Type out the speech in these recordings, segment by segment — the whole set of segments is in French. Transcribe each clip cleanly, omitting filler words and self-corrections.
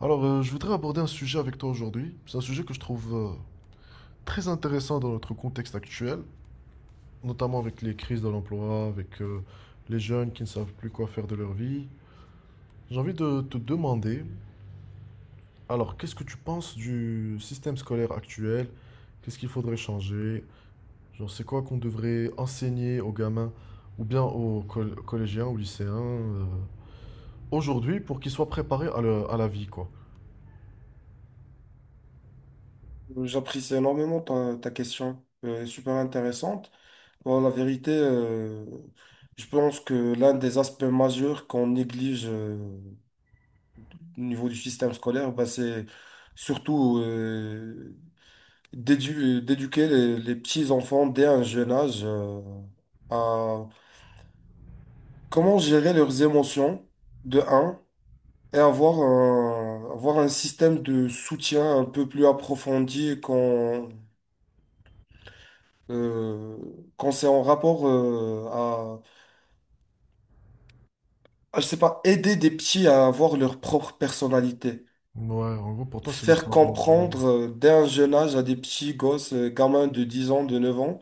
Alors, je voudrais aborder un sujet avec toi aujourd'hui. C'est un sujet que je trouve très intéressant dans notre contexte actuel, notamment avec les crises de l'emploi, avec les jeunes qui ne savent plus quoi faire de leur vie. J'ai envie de te demander, alors, qu'est-ce que tu penses du système scolaire actuel? Qu'est-ce qu'il faudrait changer? Genre, c'est quoi qu'on devrait enseigner aux gamins ou bien aux collégiens, aux lycéens aujourd'hui pour qu'ils soient préparés à, à la vie, quoi? J'apprécie énormément ta question, super intéressante. Bon, la vérité, je pense que l'un des aspects majeurs qu'on néglige au niveau du système scolaire, bah, c'est surtout d'éduquer les petits enfants dès un jeune âge à comment gérer leurs émotions, de un, et avoir un système de soutien un peu plus approfondi qu'on euh, quand c'est en rapport à, je sais pas, aider des petits à avoir leur propre personnalité. Ouais, en gros, pour toi, c'est le Faire savoir. comprendre dès un jeune âge à des petits gosses, gamins de 10 ans, de 9 ans,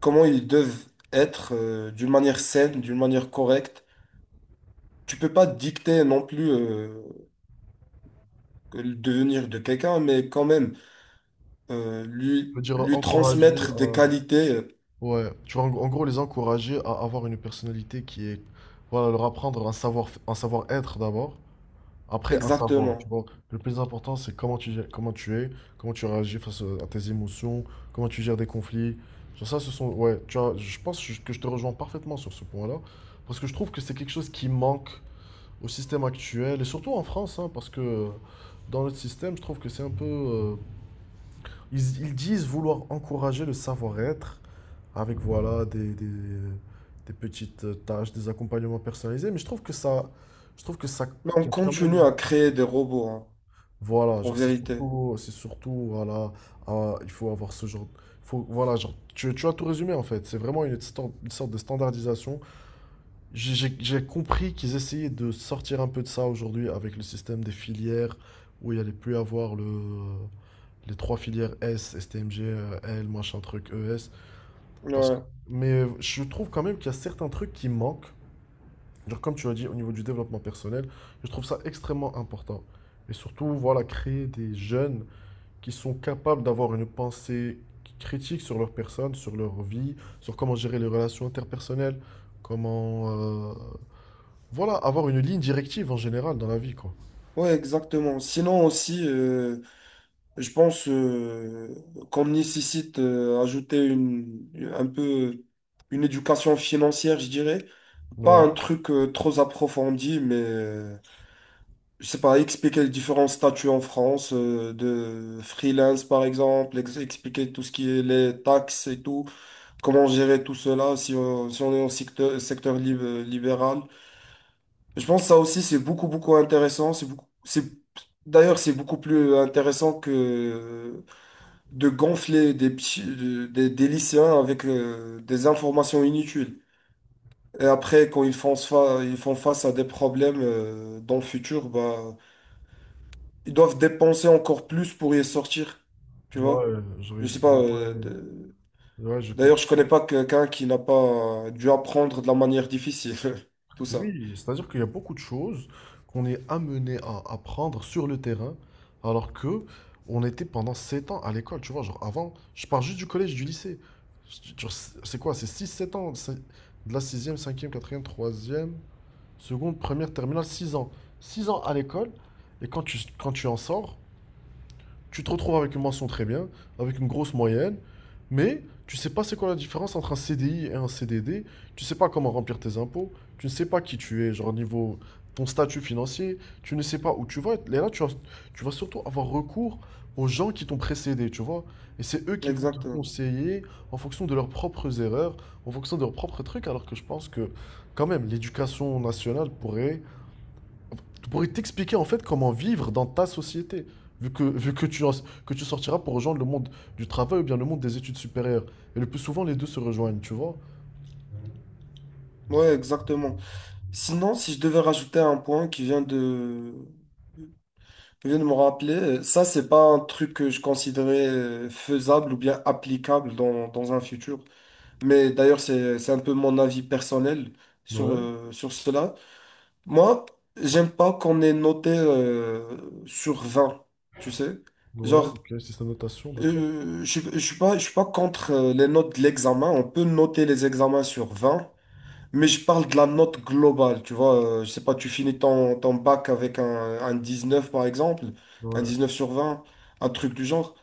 comment ils doivent être d'une manière saine, d'une manière correcte. Tu peux pas dicter non plus le devenir de quelqu'un, mais quand même euh, Je lui, veux dire, lui encourager transmettre des à... qualités, Ouais, tu vois, en gros, les encourager à avoir une personnalité qui est... Voilà, leur apprendre un savoir, un savoir-être d'abord, après un savoir, tu exactement. vois. Le plus important, c'est comment comment tu es, comment tu réagis face à tes émotions, comment tu gères des conflits. Genre ça, ce sont... Ouais, tu vois, je pense que je te rejoins parfaitement sur ce point-là, parce que je trouve que c'est quelque chose qui manque au système actuel, et surtout en France, hein, parce que dans notre système, je trouve que c'est un peu... ils, ils disent vouloir encourager le savoir-être avec voilà des petites tâches, des accompagnements personnalisés, mais je trouve que ça, je trouve que ça, Mais on qu'il y a quand continue même, à créer des robots, hein, voilà, en genre vérité. C'est surtout, voilà, ah, il faut avoir ce genre, il faut, voilà, genre, tu as tout résumé en fait, c'est vraiment une, une sorte de standardisation. J'ai compris qu'ils essayaient de sortir un peu de ça aujourd'hui avec le système des filières où il allait plus avoir le les trois filières S, STMG, L, machin truc, ES. Parce... Ouais. Mais je trouve quand même qu'il y a certains trucs qui manquent. Genre comme tu as dit, au niveau du développement personnel, je trouve ça extrêmement important. Et surtout, voilà, créer des jeunes qui sont capables d'avoir une pensée critique sur leur personne, sur leur vie, sur comment gérer les relations interpersonnelles, comment... voilà, avoir une ligne directive en général dans la vie, quoi. Ouais, exactement. Sinon aussi, je pense qu'on nécessite ajouter un peu une éducation financière, je dirais. Pas Ouais. un truc trop approfondi, mais je sais pas, expliquer les différents statuts en France de freelance par exemple, expliquer tout ce qui est les taxes et tout, comment gérer tout cela si on est en secteur libéral. Je pense que ça aussi, c'est beaucoup, beaucoup intéressant. C'est d'ailleurs, c'est beaucoup plus intéressant que de gonfler des lycéens avec des informations inutiles. Et après, quand ils font face à des problèmes dans le futur, bah, ils doivent dépenser encore plus pour y sortir. Tu Ouais, vois? je, Je sais ils pas. ont pas- De- ouais, je D'ailleurs, comprends. je connais pas quelqu'un qui n'a pas dû apprendre de la manière difficile. Tout ça. Oui, c'est-à-dire qu'il y a beaucoup de choses qu'on est amené à apprendre sur le terrain, alors que on était pendant 7 ans à l'école, tu vois, genre avant, je pars juste du collège, du lycée. Genre, c'est quoi? C'est 6, 7 ans, c'est de la sixième, cinquième, quatrième, troisième, seconde, première, terminale, 6 ans. 6 ans à l'école, et quand quand tu en sors, tu te retrouves avec une mention très bien, avec une grosse moyenne, mais tu sais pas c'est quoi la différence entre un CDI et un CDD, tu sais pas comment remplir tes impôts, tu ne sais pas qui tu es, genre niveau ton statut financier, tu ne sais pas où tu vas être. Et là, tu vas surtout avoir recours aux gens qui t'ont précédé, tu vois. Et c'est eux qui vont te Exactement. conseiller en fonction de leurs propres erreurs, en fonction de leurs propres trucs, alors que je pense que quand même l'éducation nationale pourrait pourrait t'expliquer en fait comment vivre dans ta société, vu que, que tu sortiras pour rejoindre le monde du travail ou bien le monde des études supérieures. Et le plus souvent, les deux se rejoignent, tu vois? Ouais, exactement. Sinon, si je devais rajouter un point qui vient de me rappeler, ça, c'est pas un truc que je considérais faisable ou bien applicable dans un futur. Mais d'ailleurs, c'est un peu mon avis personnel sur, Ouais, euh, sur cela. Moi, j'aime pas qu'on ait noté sur 20, tu sais. ouais, Genre, ok, c'est sa notation, d'accord. euh, je suis pas contre les notes de l'examen. On peut noter les examens sur 20. Mais je parle de la note globale, tu vois. Je sais pas, tu finis ton bac avec un 19 par exemple, un Ouais. 19 sur 20, un truc du genre.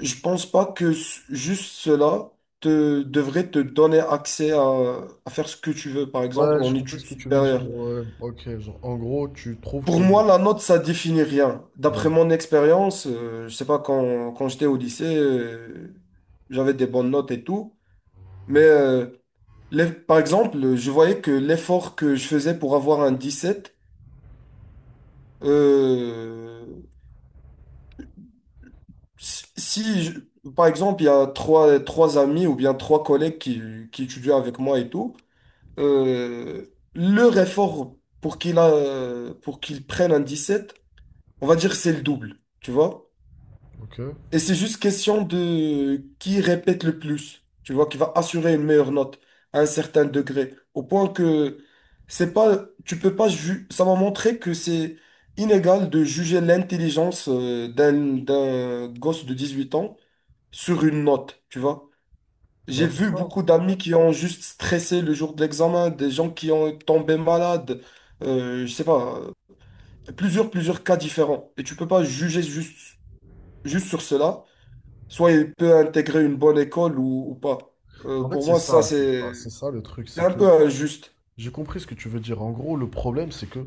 Je pense pas que juste cela devrait te donner accès à faire ce que tu veux, par exemple Ouais, j'ai en compris ce études que tu veux dire. supérieures. Ouais, ok, genre, en gros, tu trouves Pour que moi, le... la note, ça définit rien. D'après Ouais, mon expérience, je sais pas, quand j'étais au lycée, j'avais des bonnes notes et tout, mais par exemple, je voyais que l'effort que je faisais pour avoir un 17. Euh, si, si je- Par exemple, il y a trois amis ou bien trois collègues qui étudient avec moi et tout, euh, leur effort pour qu'il prenne un 17, on va dire c'est le double, tu vois? ok. Et c'est juste question de qui répète le plus, tu vois, qui va assurer une meilleure note à un certain degré. Au point que c'est pas, tu peux pas ju- ça m'a montré que c'est inégal de juger l'intelligence d'un gosse de 18 ans sur une note, tu vois. Bah, J'ai c'est vu ça. beaucoup d'amis qui ont juste stressé le jour de l'examen, des gens qui ont tombé malades, je sais pas, plusieurs cas différents. Et tu peux pas juger juste sur cela soit il peut intégrer une bonne école ou pas. En fait, Pour c'est moi, ça, ça, c'est c'est ça, c'est ça le truc, c'est c'est un que peu injuste. j'ai compris ce que tu veux dire. En gros, le problème, c'est que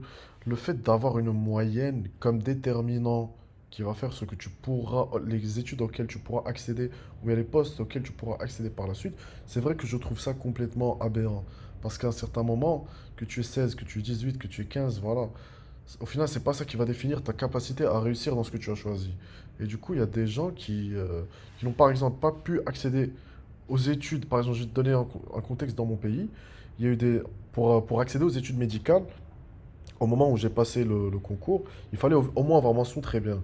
le fait d'avoir une moyenne comme déterminant qui va faire ce que tu pourras, les études auxquelles tu pourras accéder, ou bien les postes auxquels tu pourras accéder par la suite, c'est vrai que je trouve ça complètement aberrant. Parce qu'à un certain moment, que tu es 16, que tu es 18, que tu es 15, voilà, au final, c'est pas ça qui va définir ta capacité à réussir dans ce que tu as choisi. Et du coup, il y a des gens qui n'ont par exemple pas pu accéder aux études, par exemple, je vais te donner un, un contexte dans mon pays. Il y a eu des, pour accéder aux études médicales, au moment où j'ai passé le concours, il fallait au, au moins avoir mention très bien.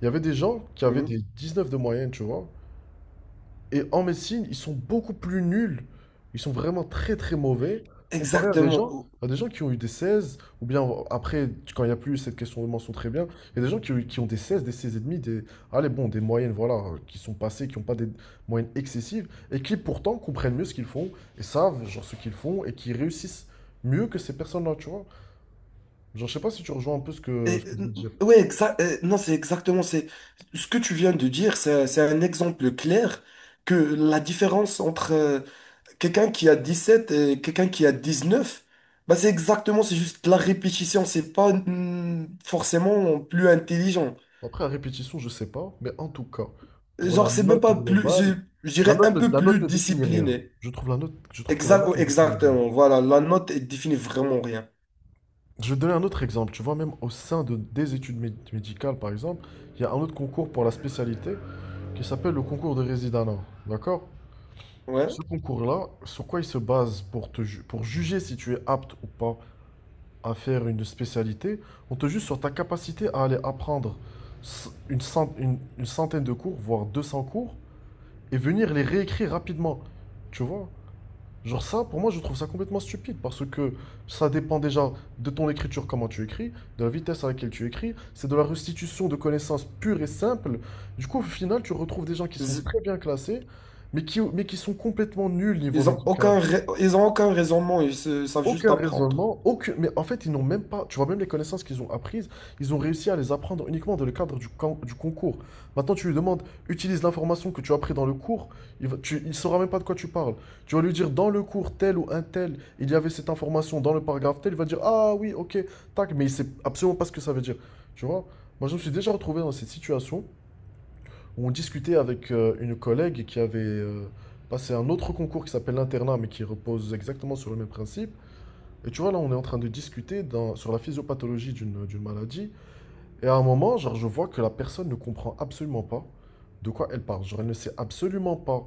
Il y avait des gens qui avaient Mhm. des 19 de moyenne, tu vois. Et en médecine, ils sont beaucoup plus nuls. Ils sont vraiment très très mauvais comparé Exactement. à des gens qui ont eu des 16 ou bien après, quand il n'y a plus cette question de mention très bien, il y a des gens qui, qui ont des 16 et demi, des, allez, bon, des moyennes, voilà, qui sont passées, qui n'ont pas des moyennes excessives, et qui pourtant comprennent mieux ce qu'ils font, et savent, genre, ce qu'ils font, et qui réussissent mieux que ces personnes-là, tu vois. Genre, je sais pas si tu rejoins un peu ce que je veux dire. Ouais, non, c'est exactement. C'est ce que tu viens de dire. C'est un exemple clair que la différence entre quelqu'un qui a 17 et quelqu'un qui a 19, bah, c'est exactement. C'est juste la répétition. C'est pas forcément plus intelligent. Après, à répétition, je sais pas, mais en tout cas, pour la Genre, c'est même note pas plus. Je, globale, je dirais un peu la note plus ne définit rien. discipliné. Je trouve la note, je trouve que la Exact, note ouais, ne définit rien. exactement, voilà, la note, elle définit vraiment rien. Je vais te donner un autre exemple. Tu vois, même au sein de, des études médicales, par exemple, il y a un autre concours pour la spécialité qui s'appelle le concours de résidana. D'accord? Ouais. Ce concours-là, sur quoi il se base pour te pour juger si tu es apte ou pas à faire une spécialité, on te juge sur ta capacité à aller apprendre une centaine de cours, voire 200 cours et venir les réécrire rapidement. Tu vois? Genre ça, pour moi, je trouve ça complètement stupide parce que ça dépend déjà de ton écriture, comment tu écris, de la vitesse à laquelle tu écris, c'est de la restitution de connaissances pure et simple. Du coup, au final, tu retrouves des gens qui sont Z- très bien classés, mais qui sont complètement nuls niveau Ils ont médical. aucun raisonnement, ils savent juste Aucun apprendre. raisonnement, aucune... mais en fait, ils n'ont même pas, tu vois, même les connaissances qu'ils ont apprises, ils ont réussi à les apprendre uniquement dans le cadre du, du concours. Maintenant, tu lui demandes, utilise l'information que tu as appris dans le cours, il saura même pas de quoi tu parles. Tu vas lui dire, dans le cours tel ou un tel, il y avait cette information dans le paragraphe tel, il va dire, ah oui, ok, tac, mais il sait absolument pas ce que ça veut dire. Tu vois, moi, je me suis déjà retrouvé dans cette situation où on discutait avec une collègue qui avait passé un autre concours qui s'appelle l'internat, mais qui repose exactement sur le même principe. Et tu vois, là, on est en train de discuter sur la physiopathologie d'une maladie. Et à un moment, genre, je vois que la personne ne comprend absolument pas de quoi elle parle. Genre, elle ne sait absolument pas.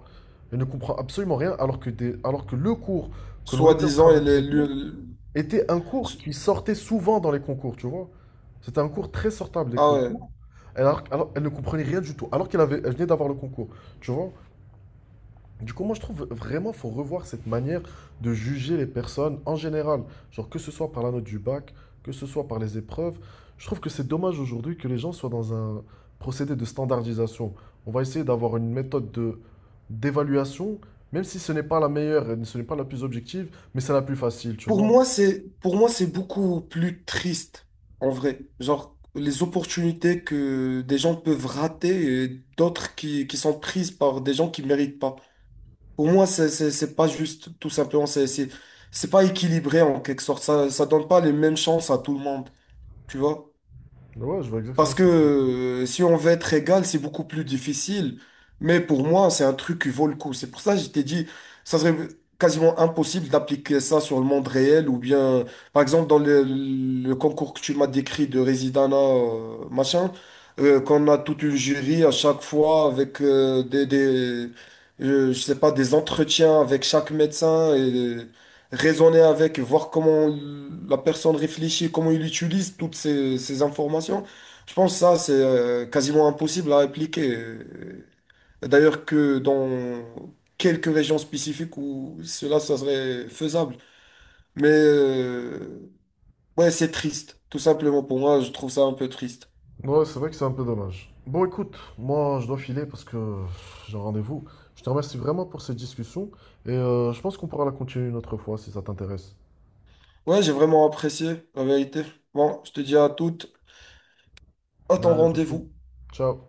Elle ne comprend absolument rien, alors que, alors que le cours que l'on était en train Soi-disant, de elle est. traiter était un cours s- qui sortait souvent dans les concours, tu vois. C'était un cours très sortable des Ah ouais. concours. Alors, elle ne comprenait rien du tout, alors qu'elle avait, elle venait d'avoir le concours, tu vois. Du coup, moi, je trouve vraiment qu'il faut revoir cette manière de juger les personnes en général. Genre, que ce soit par la note du bac, que ce soit par les épreuves. Je trouve que c'est dommage aujourd'hui que les gens soient dans un procédé de standardisation. On va essayer d'avoir une méthode de d'évaluation, même si ce n'est pas la meilleure, et ce n'est pas la plus objective, mais c'est la plus facile, tu Pour vois. moi, c'est, pour moi, c'est beaucoup plus triste, en vrai. Genre, les opportunités que des gens peuvent rater et d'autres qui sont prises par des gens qui méritent pas. Pour moi, c'est pas juste, tout simplement, c'est pas équilibré en quelque sorte. Ça donne pas les mêmes chances à tout le monde, tu vois? Ouais, je vois exactement. Parce que si on veut être égal, c'est beaucoup plus difficile. Mais pour moi, c'est un truc qui vaut le coup. C'est pour ça que je t'ai dit, ça serait quasiment impossible d'appliquer ça sur le monde réel ou bien, par exemple, dans le concours que tu m'as décrit de Residana, qu'on a toute une jury à chaque fois avec des je sais pas, des entretiens avec chaque médecin et raisonner avec, voir comment la personne réfléchit, comment il utilise toutes ces informations. Je pense que ça, c'est quasiment impossible à appliquer. D'ailleurs que dans quelques régions spécifiques où cela, ça serait faisable. Mais ouais, c'est triste, tout simplement pour moi, je trouve ça un peu triste. Ouais, c'est vrai que c'est un peu dommage. Bon, écoute, moi, je dois filer parce que j'ai un rendez-vous. Je te remercie vraiment pour cette discussion et je pense qu'on pourra la continuer une autre fois si ça t'intéresse. Ouais, j'ai vraiment apprécié, la vérité. Bon, je te dis à toutes, à ton Allez, à tout de suite. rendez-vous. Ciao.